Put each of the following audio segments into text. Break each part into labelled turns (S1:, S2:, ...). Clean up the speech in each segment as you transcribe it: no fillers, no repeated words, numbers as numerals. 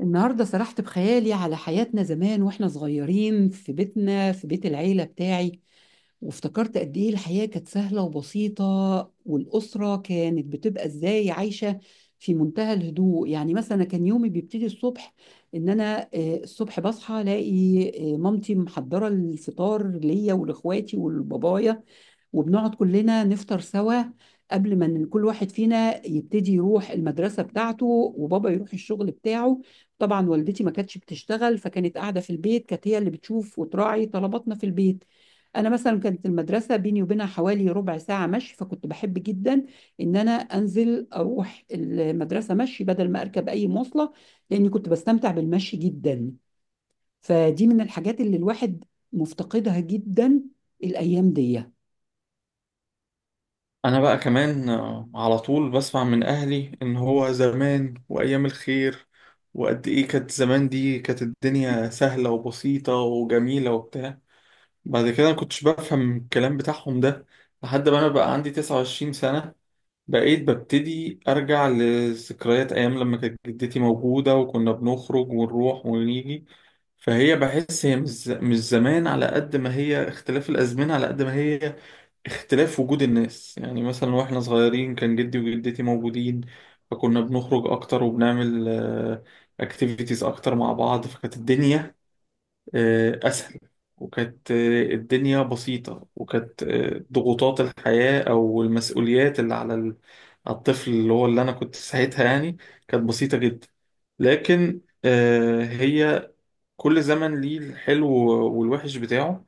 S1: النهاردة سرحت بخيالي على حياتنا زمان واحنا صغيرين في بيتنا في بيت العيلة بتاعي. وافتكرت قد ايه الحياة كانت سهلة وبسيطة، والأسرة كانت بتبقى ازاي عايشة في منتهى الهدوء. يعني مثلا كان يومي بيبتدي الصبح ان انا الصبح بصحى الاقي مامتي محضرة الفطار ليا ولاخواتي ولبابايا، وبنقعد كلنا نفطر سوا قبل ما إن كل واحد فينا يبتدي يروح المدرسة بتاعته وبابا يروح الشغل بتاعه. طبعا والدتي ما كانتش بتشتغل، فكانت قاعده في البيت، كانت هي اللي بتشوف وتراعي طلباتنا في البيت. انا مثلا كانت المدرسه بيني وبينها حوالي ربع ساعه مشي، فكنت بحب جدا ان انا انزل اروح المدرسه مشي بدل ما اركب اي مواصله، لاني كنت بستمتع بالمشي جدا. فدي من الحاجات اللي الواحد مفتقدها جدا الايام دي.
S2: انا بقى كمان على طول بسمع من اهلي ان هو زمان وايام الخير، وقد ايه كانت زمان. دي كانت الدنيا سهلة وبسيطة وجميلة وبتاع. بعد كده ما كنتش بفهم الكلام بتاعهم ده، لحد ما انا بقى عندي 29 سنة، بقيت ببتدي أرجع لذكريات أيام لما كانت جدتي موجودة وكنا بنخرج ونروح ونيجي. فهي بحس هي مش زمان، على قد ما هي اختلاف الأزمنة، على قد ما هي اختلاف وجود الناس. يعني مثلا واحنا صغيرين كان جدي وجدتي موجودين، فكنا بنخرج أكتر وبنعمل اكتيفيتيز أكتر مع بعض. فكانت الدنيا أسهل، وكانت الدنيا بسيطة، وكانت ضغوطات الحياة أو المسؤوليات اللي على على الطفل اللي هو اللي أنا كنت ساعتها، يعني كانت بسيطة جدا. لكن هي كل زمن ليه الحلو والوحش بتاعه.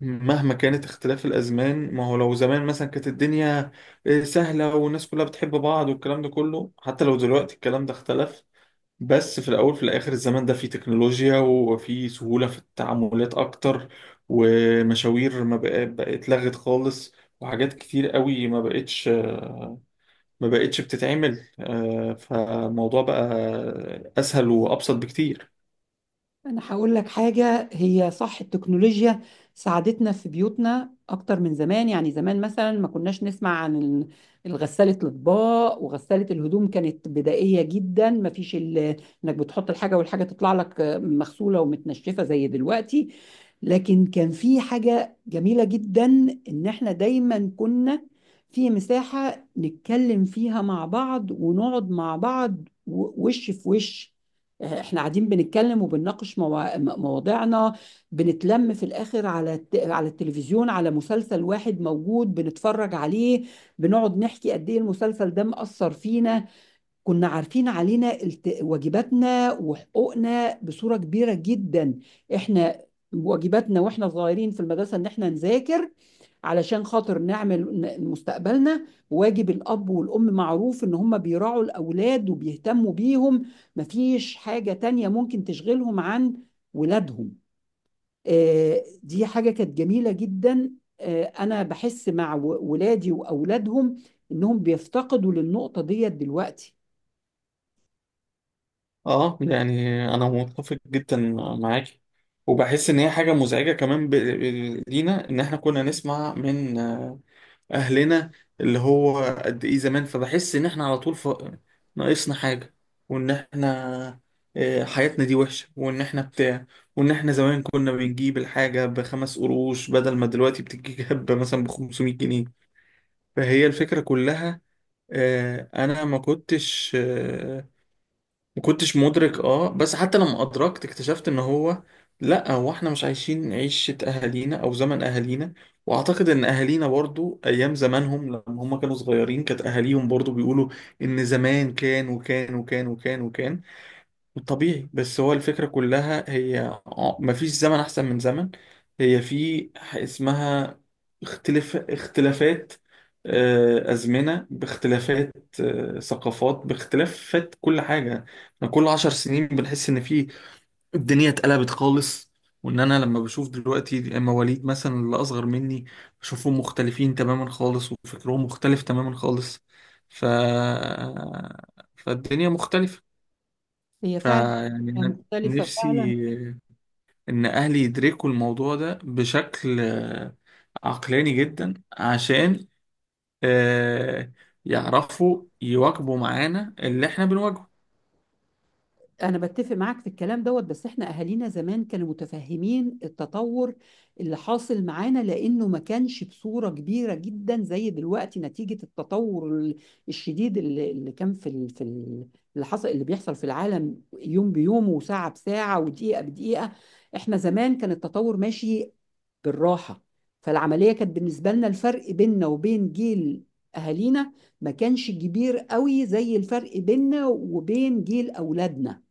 S2: مهما كانت اختلاف الأزمان، ما هو لو زمان مثلا كانت الدنيا سهلة والناس كلها بتحب بعض والكلام ده كله، حتى لو دلوقتي الكلام ده اختلف، بس في الأول في الآخر الزمن ده فيه تكنولوجيا وفيه سهولة في التعاملات أكتر، ومشاوير ما بقى- بقت لغت خالص، وحاجات كتير قوي ما بقتش بتتعمل، فالموضوع بقى أسهل وأبسط بكتير.
S1: أنا هقول لك حاجة، هي صح التكنولوجيا ساعدتنا في بيوتنا أكتر من زمان، يعني زمان مثلا ما كناش نسمع عن الغسالة الأطباق وغسالة الهدوم، كانت بدائية جدا، ما فيش إنك بتحط الحاجة والحاجة تطلع لك مغسولة ومتنشفة زي دلوقتي. لكن كان في حاجة جميلة جدا، إن إحنا دايما كنا في مساحة نتكلم فيها مع بعض ونقعد مع بعض، وش في وش، احنا قاعدين بنتكلم وبنناقش مواضيعنا، بنتلم في الاخر على على التلفزيون، على مسلسل واحد موجود بنتفرج عليه، بنقعد نحكي قد ايه المسلسل ده مأثر فينا. كنا عارفين علينا واجباتنا وحقوقنا بصورة كبيرة جدا. احنا واجباتنا واحنا صغيرين في المدرسة ان احنا نذاكر علشان خاطر نعمل مستقبلنا. واجب الأب والأم معروف إن هم بيراعوا الأولاد وبيهتموا بيهم، مفيش حاجة تانية ممكن تشغلهم عن ولادهم. دي حاجة كانت جميلة جدا. أنا بحس مع ولادي وأولادهم إنهم بيفتقدوا للنقطة ديت دلوقتي.
S2: اه، يعني انا متفق جدا معاك، وبحس ان هي حاجه مزعجه كمان لينا، ان احنا كنا نسمع من اهلنا اللي هو قد ايه زمان. فبحس ان احنا على طول ناقصنا حاجه، وان احنا حياتنا دي وحشه، وان احنا بتاع، وان احنا زمان كنا بنجيب الحاجه بخمس قروش، بدل ما دلوقتي بتجيب مثلا ب 500 جنيه. فهي الفكره كلها انا ما كنتش، ما كنتش مدرك بس حتى لما ادركت اكتشفت ان هو لا، هو احنا مش عايشين عيشة اهالينا او زمن اهالينا. واعتقد ان اهالينا برضو ايام زمانهم لما هم كانوا صغيرين كانت اهاليهم برضو بيقولوا ان زمان كان وكان وكان وكان وكان، طبيعي. بس هو الفكرة كلها هي مفيش زمن أحسن من زمن. هي في اسمها اختلافات، أزمنة باختلافات، ثقافات باختلافات، كل حاجة. احنا كل 10 سنين بنحس إن في الدنيا اتقلبت خالص، وإن أنا لما بشوف دلوقتي مواليد مثلا اللي أصغر مني بشوفهم مختلفين تماما خالص، وفكرهم مختلف تماما خالص. ف... فالدنيا مختلفة.
S1: هي فعلا
S2: فيعني أنا
S1: مختلفة
S2: نفسي
S1: فعلا.
S2: إن أهلي يدركوا الموضوع ده بشكل عقلاني جدا، عشان آه، يعرفوا يواكبوا معانا اللي إحنا بنواجهه.
S1: أنا بتفق معاك في الكلام دوت، بس إحنا أهالينا زمان كانوا متفهمين التطور اللي حاصل معانا، لأنه ما كانش بصورة كبيرة جدا زي دلوقتي نتيجة التطور الشديد اللي كان اللي حصل اللي بيحصل في العالم يوم بيوم وساعة بساعة ودقيقة بدقيقة. إحنا زمان كان التطور ماشي بالراحة، فالعملية كانت بالنسبة لنا الفرق بيننا وبين جيل أهالينا ما كانش كبير قوي زي الفرق بيننا وبين جيل أولادنا.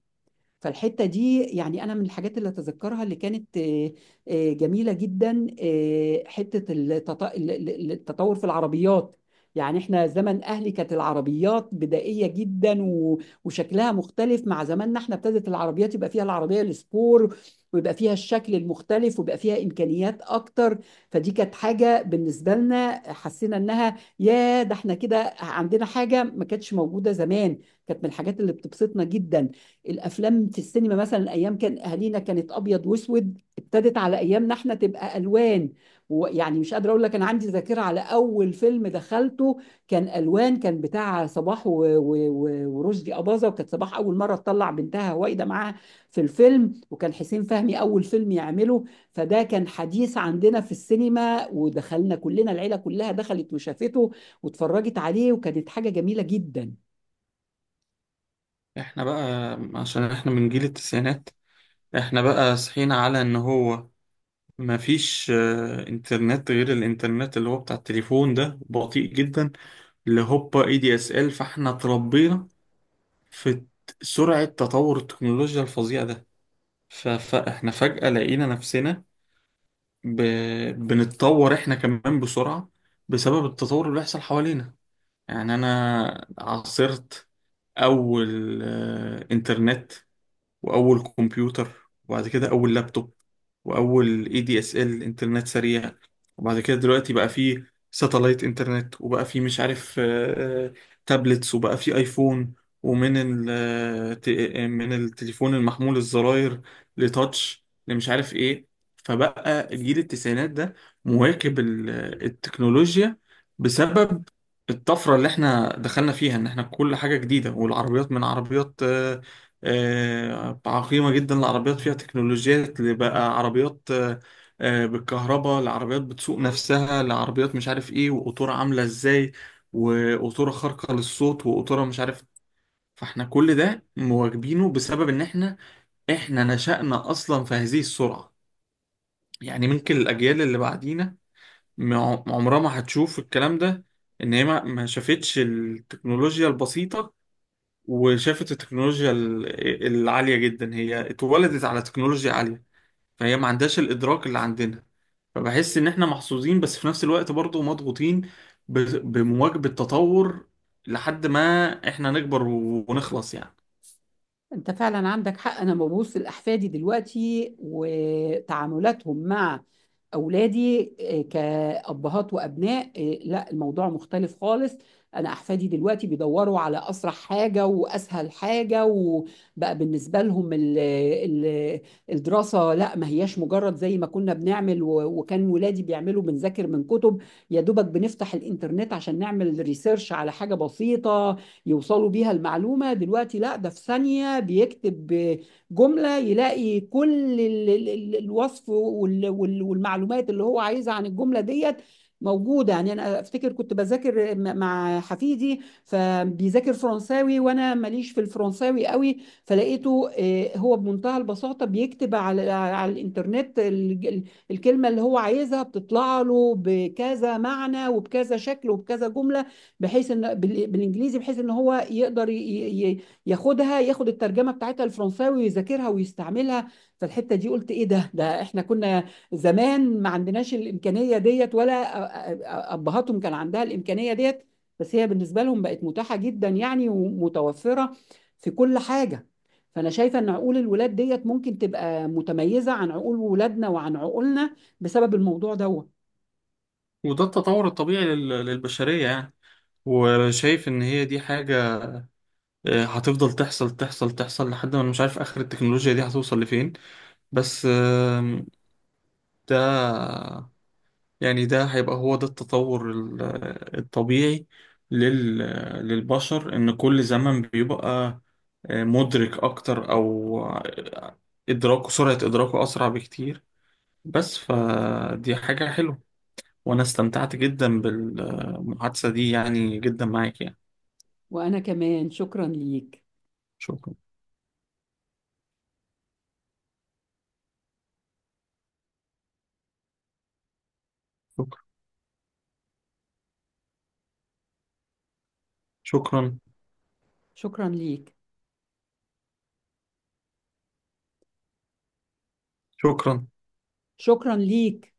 S1: فالحتة دي يعني أنا من الحاجات اللي أتذكرها اللي كانت جميلة جدا، حتة التطور في العربيات. يعني إحنا زمن أهلي كانت العربيات بدائية جدا وشكلها مختلف مع زماننا. إحنا ابتدت العربيات يبقى فيها العربية السبور، ويبقى فيها الشكل المختلف، ويبقى فيها إمكانيات أكتر. فدي كانت حاجة بالنسبة لنا، حسينا إنها يا ده إحنا كده عندنا حاجة ما كانتش موجودة زمان، كانت من الحاجات اللي بتبسطنا جدا. الافلام في السينما مثلا ايام كان اهالينا كانت ابيض واسود، ابتدت على ايامنا احنا تبقى الوان. ويعني مش قادره اقول لك انا عندي ذاكره على اول فيلم دخلته، كان الوان، كان بتاع صباح ورشدي اباظه، وكانت صباح اول مره تطلع بنتها وايده معاها في الفيلم، وكان حسين فهمي اول فيلم يعمله. فده كان حديث عندنا في السينما، ودخلنا كلنا، العيله كلها دخلت وشافته واتفرجت عليه، وكانت حاجه جميله جدا.
S2: إحنا بقى عشان إحنا من جيل التسعينات، إحنا بقى صحينا على إن هو مفيش إنترنت غير الإنترنت اللي هو بتاع التليفون ده، بطيء جدا، اللي هوبا DSL. فإحنا اتربينا في سرعة تطور التكنولوجيا الفظيعة ده، فاحنا فجأة لقينا نفسنا ب... بنتطور احنا كمان بسرعة، بسبب التطور اللي بيحصل حوالينا. يعني انا عاصرت اول انترنت، واول كمبيوتر، وبعد كده اول لابتوب، واول DSL انترنت سريع، وبعد كده دلوقتي بقى فيه ساتلايت انترنت، وبقى فيه مش عارف تابلتس، وبقى فيه ايفون، ومن من التليفون المحمول الزراير لتاتش، لمش عارف ايه. فبقى جيل التسعينات ده مواكب التكنولوجيا، بسبب الطفرة اللي احنا دخلنا فيها، ان احنا كل حاجة جديدة، والعربيات من عربيات عقيمة جدا لعربيات فيها تكنولوجيات، اللي بقى عربيات بالكهرباء، لعربيات بتسوق نفسها، لعربيات مش عارف ايه، وقطورة عاملة ازاي، وقطورة خارقة للصوت، وقطورة مش عارف. فاحنا كل ده مواكبينه بسبب ان احنا نشأنا اصلا في هذه السرعة. يعني ممكن الاجيال اللي بعدينا عمرها ما هتشوف الكلام ده، ان هي ما شافتش التكنولوجيا البسيطة وشافت التكنولوجيا العالية جدا، هي اتولدت على تكنولوجيا عالية، فهي ما عندهاش الإدراك اللي عندنا. فبحس إن إحنا محظوظين، بس في نفس الوقت برضه مضغوطين بمواكبة تطور، لحد ما إحنا نكبر ونخلص يعني.
S1: انت فعلا عندك حق. انا ببص لاحفادي دلوقتي وتعاملاتهم مع اولادي كابهات وابناء، لا الموضوع مختلف خالص. انا احفادي دلوقتي بيدوروا على اسرع حاجه واسهل حاجه، وبقى بالنسبه لهم ال ال الدراسه، لا ما هياش مجرد زي ما كنا بنعمل، وكان ولادي بيعملوا بنذاكر من كتب، يا دوبك بنفتح الانترنت عشان نعمل ريسيرش على حاجه بسيطه يوصلوا بيها المعلومة. دلوقتي لا، ده في ثانية بيكتب جملة يلاقي كل الوصف والمعلومات اللي هو عايزها عن الجملة ديت موجودة. يعني أنا أفتكر كنت بذاكر مع حفيدي، فبيذاكر فرنساوي وأنا ماليش في الفرنساوي قوي، فلقيته هو بمنتهى البساطة بيكتب على الإنترنت الكلمة اللي هو عايزها، بتطلع له بكذا معنى وبكذا شكل وبكذا جملة بحيث ان بالانجليزي، بحيث ان هو يقدر ياخد الترجمه بتاعتها الفرنساوي ويذاكرها ويستعملها. فالحته دي قلت ايه ده، احنا كنا زمان ما عندناش الامكانيه ديت، ولا ابهاتهم كان عندها الامكانيه ديت، بس هي بالنسبه لهم بقت متاحه جدا يعني ومتوفره في كل حاجه. فانا شايفه ان عقول الولاد ديت ممكن تبقى متميزه عن عقول ولادنا وعن عقولنا بسبب الموضوع دوت.
S2: وده التطور الطبيعي للبشرية يعني. وشايف إن هي دي حاجة هتفضل تحصل تحصل تحصل، لحد ما أنا مش عارف آخر التكنولوجيا دي هتوصل لفين. بس ده يعني ده هيبقى هو ده التطور الطبيعي لل- للبشر، إن كل زمن بيبقى مدرك أكتر، أو إدراكه سرعة إدراكه أسرع بكتير. بس فدي حاجة حلوة، وأنا استمتعت جدا بالمحادثة دي يعني جدا معاك يعني.
S1: وانا كمان شكرا ليك.
S2: شكرا. شكرا. شكرا.
S1: شكرا ليك.
S2: شكرا.
S1: شكرا ليك.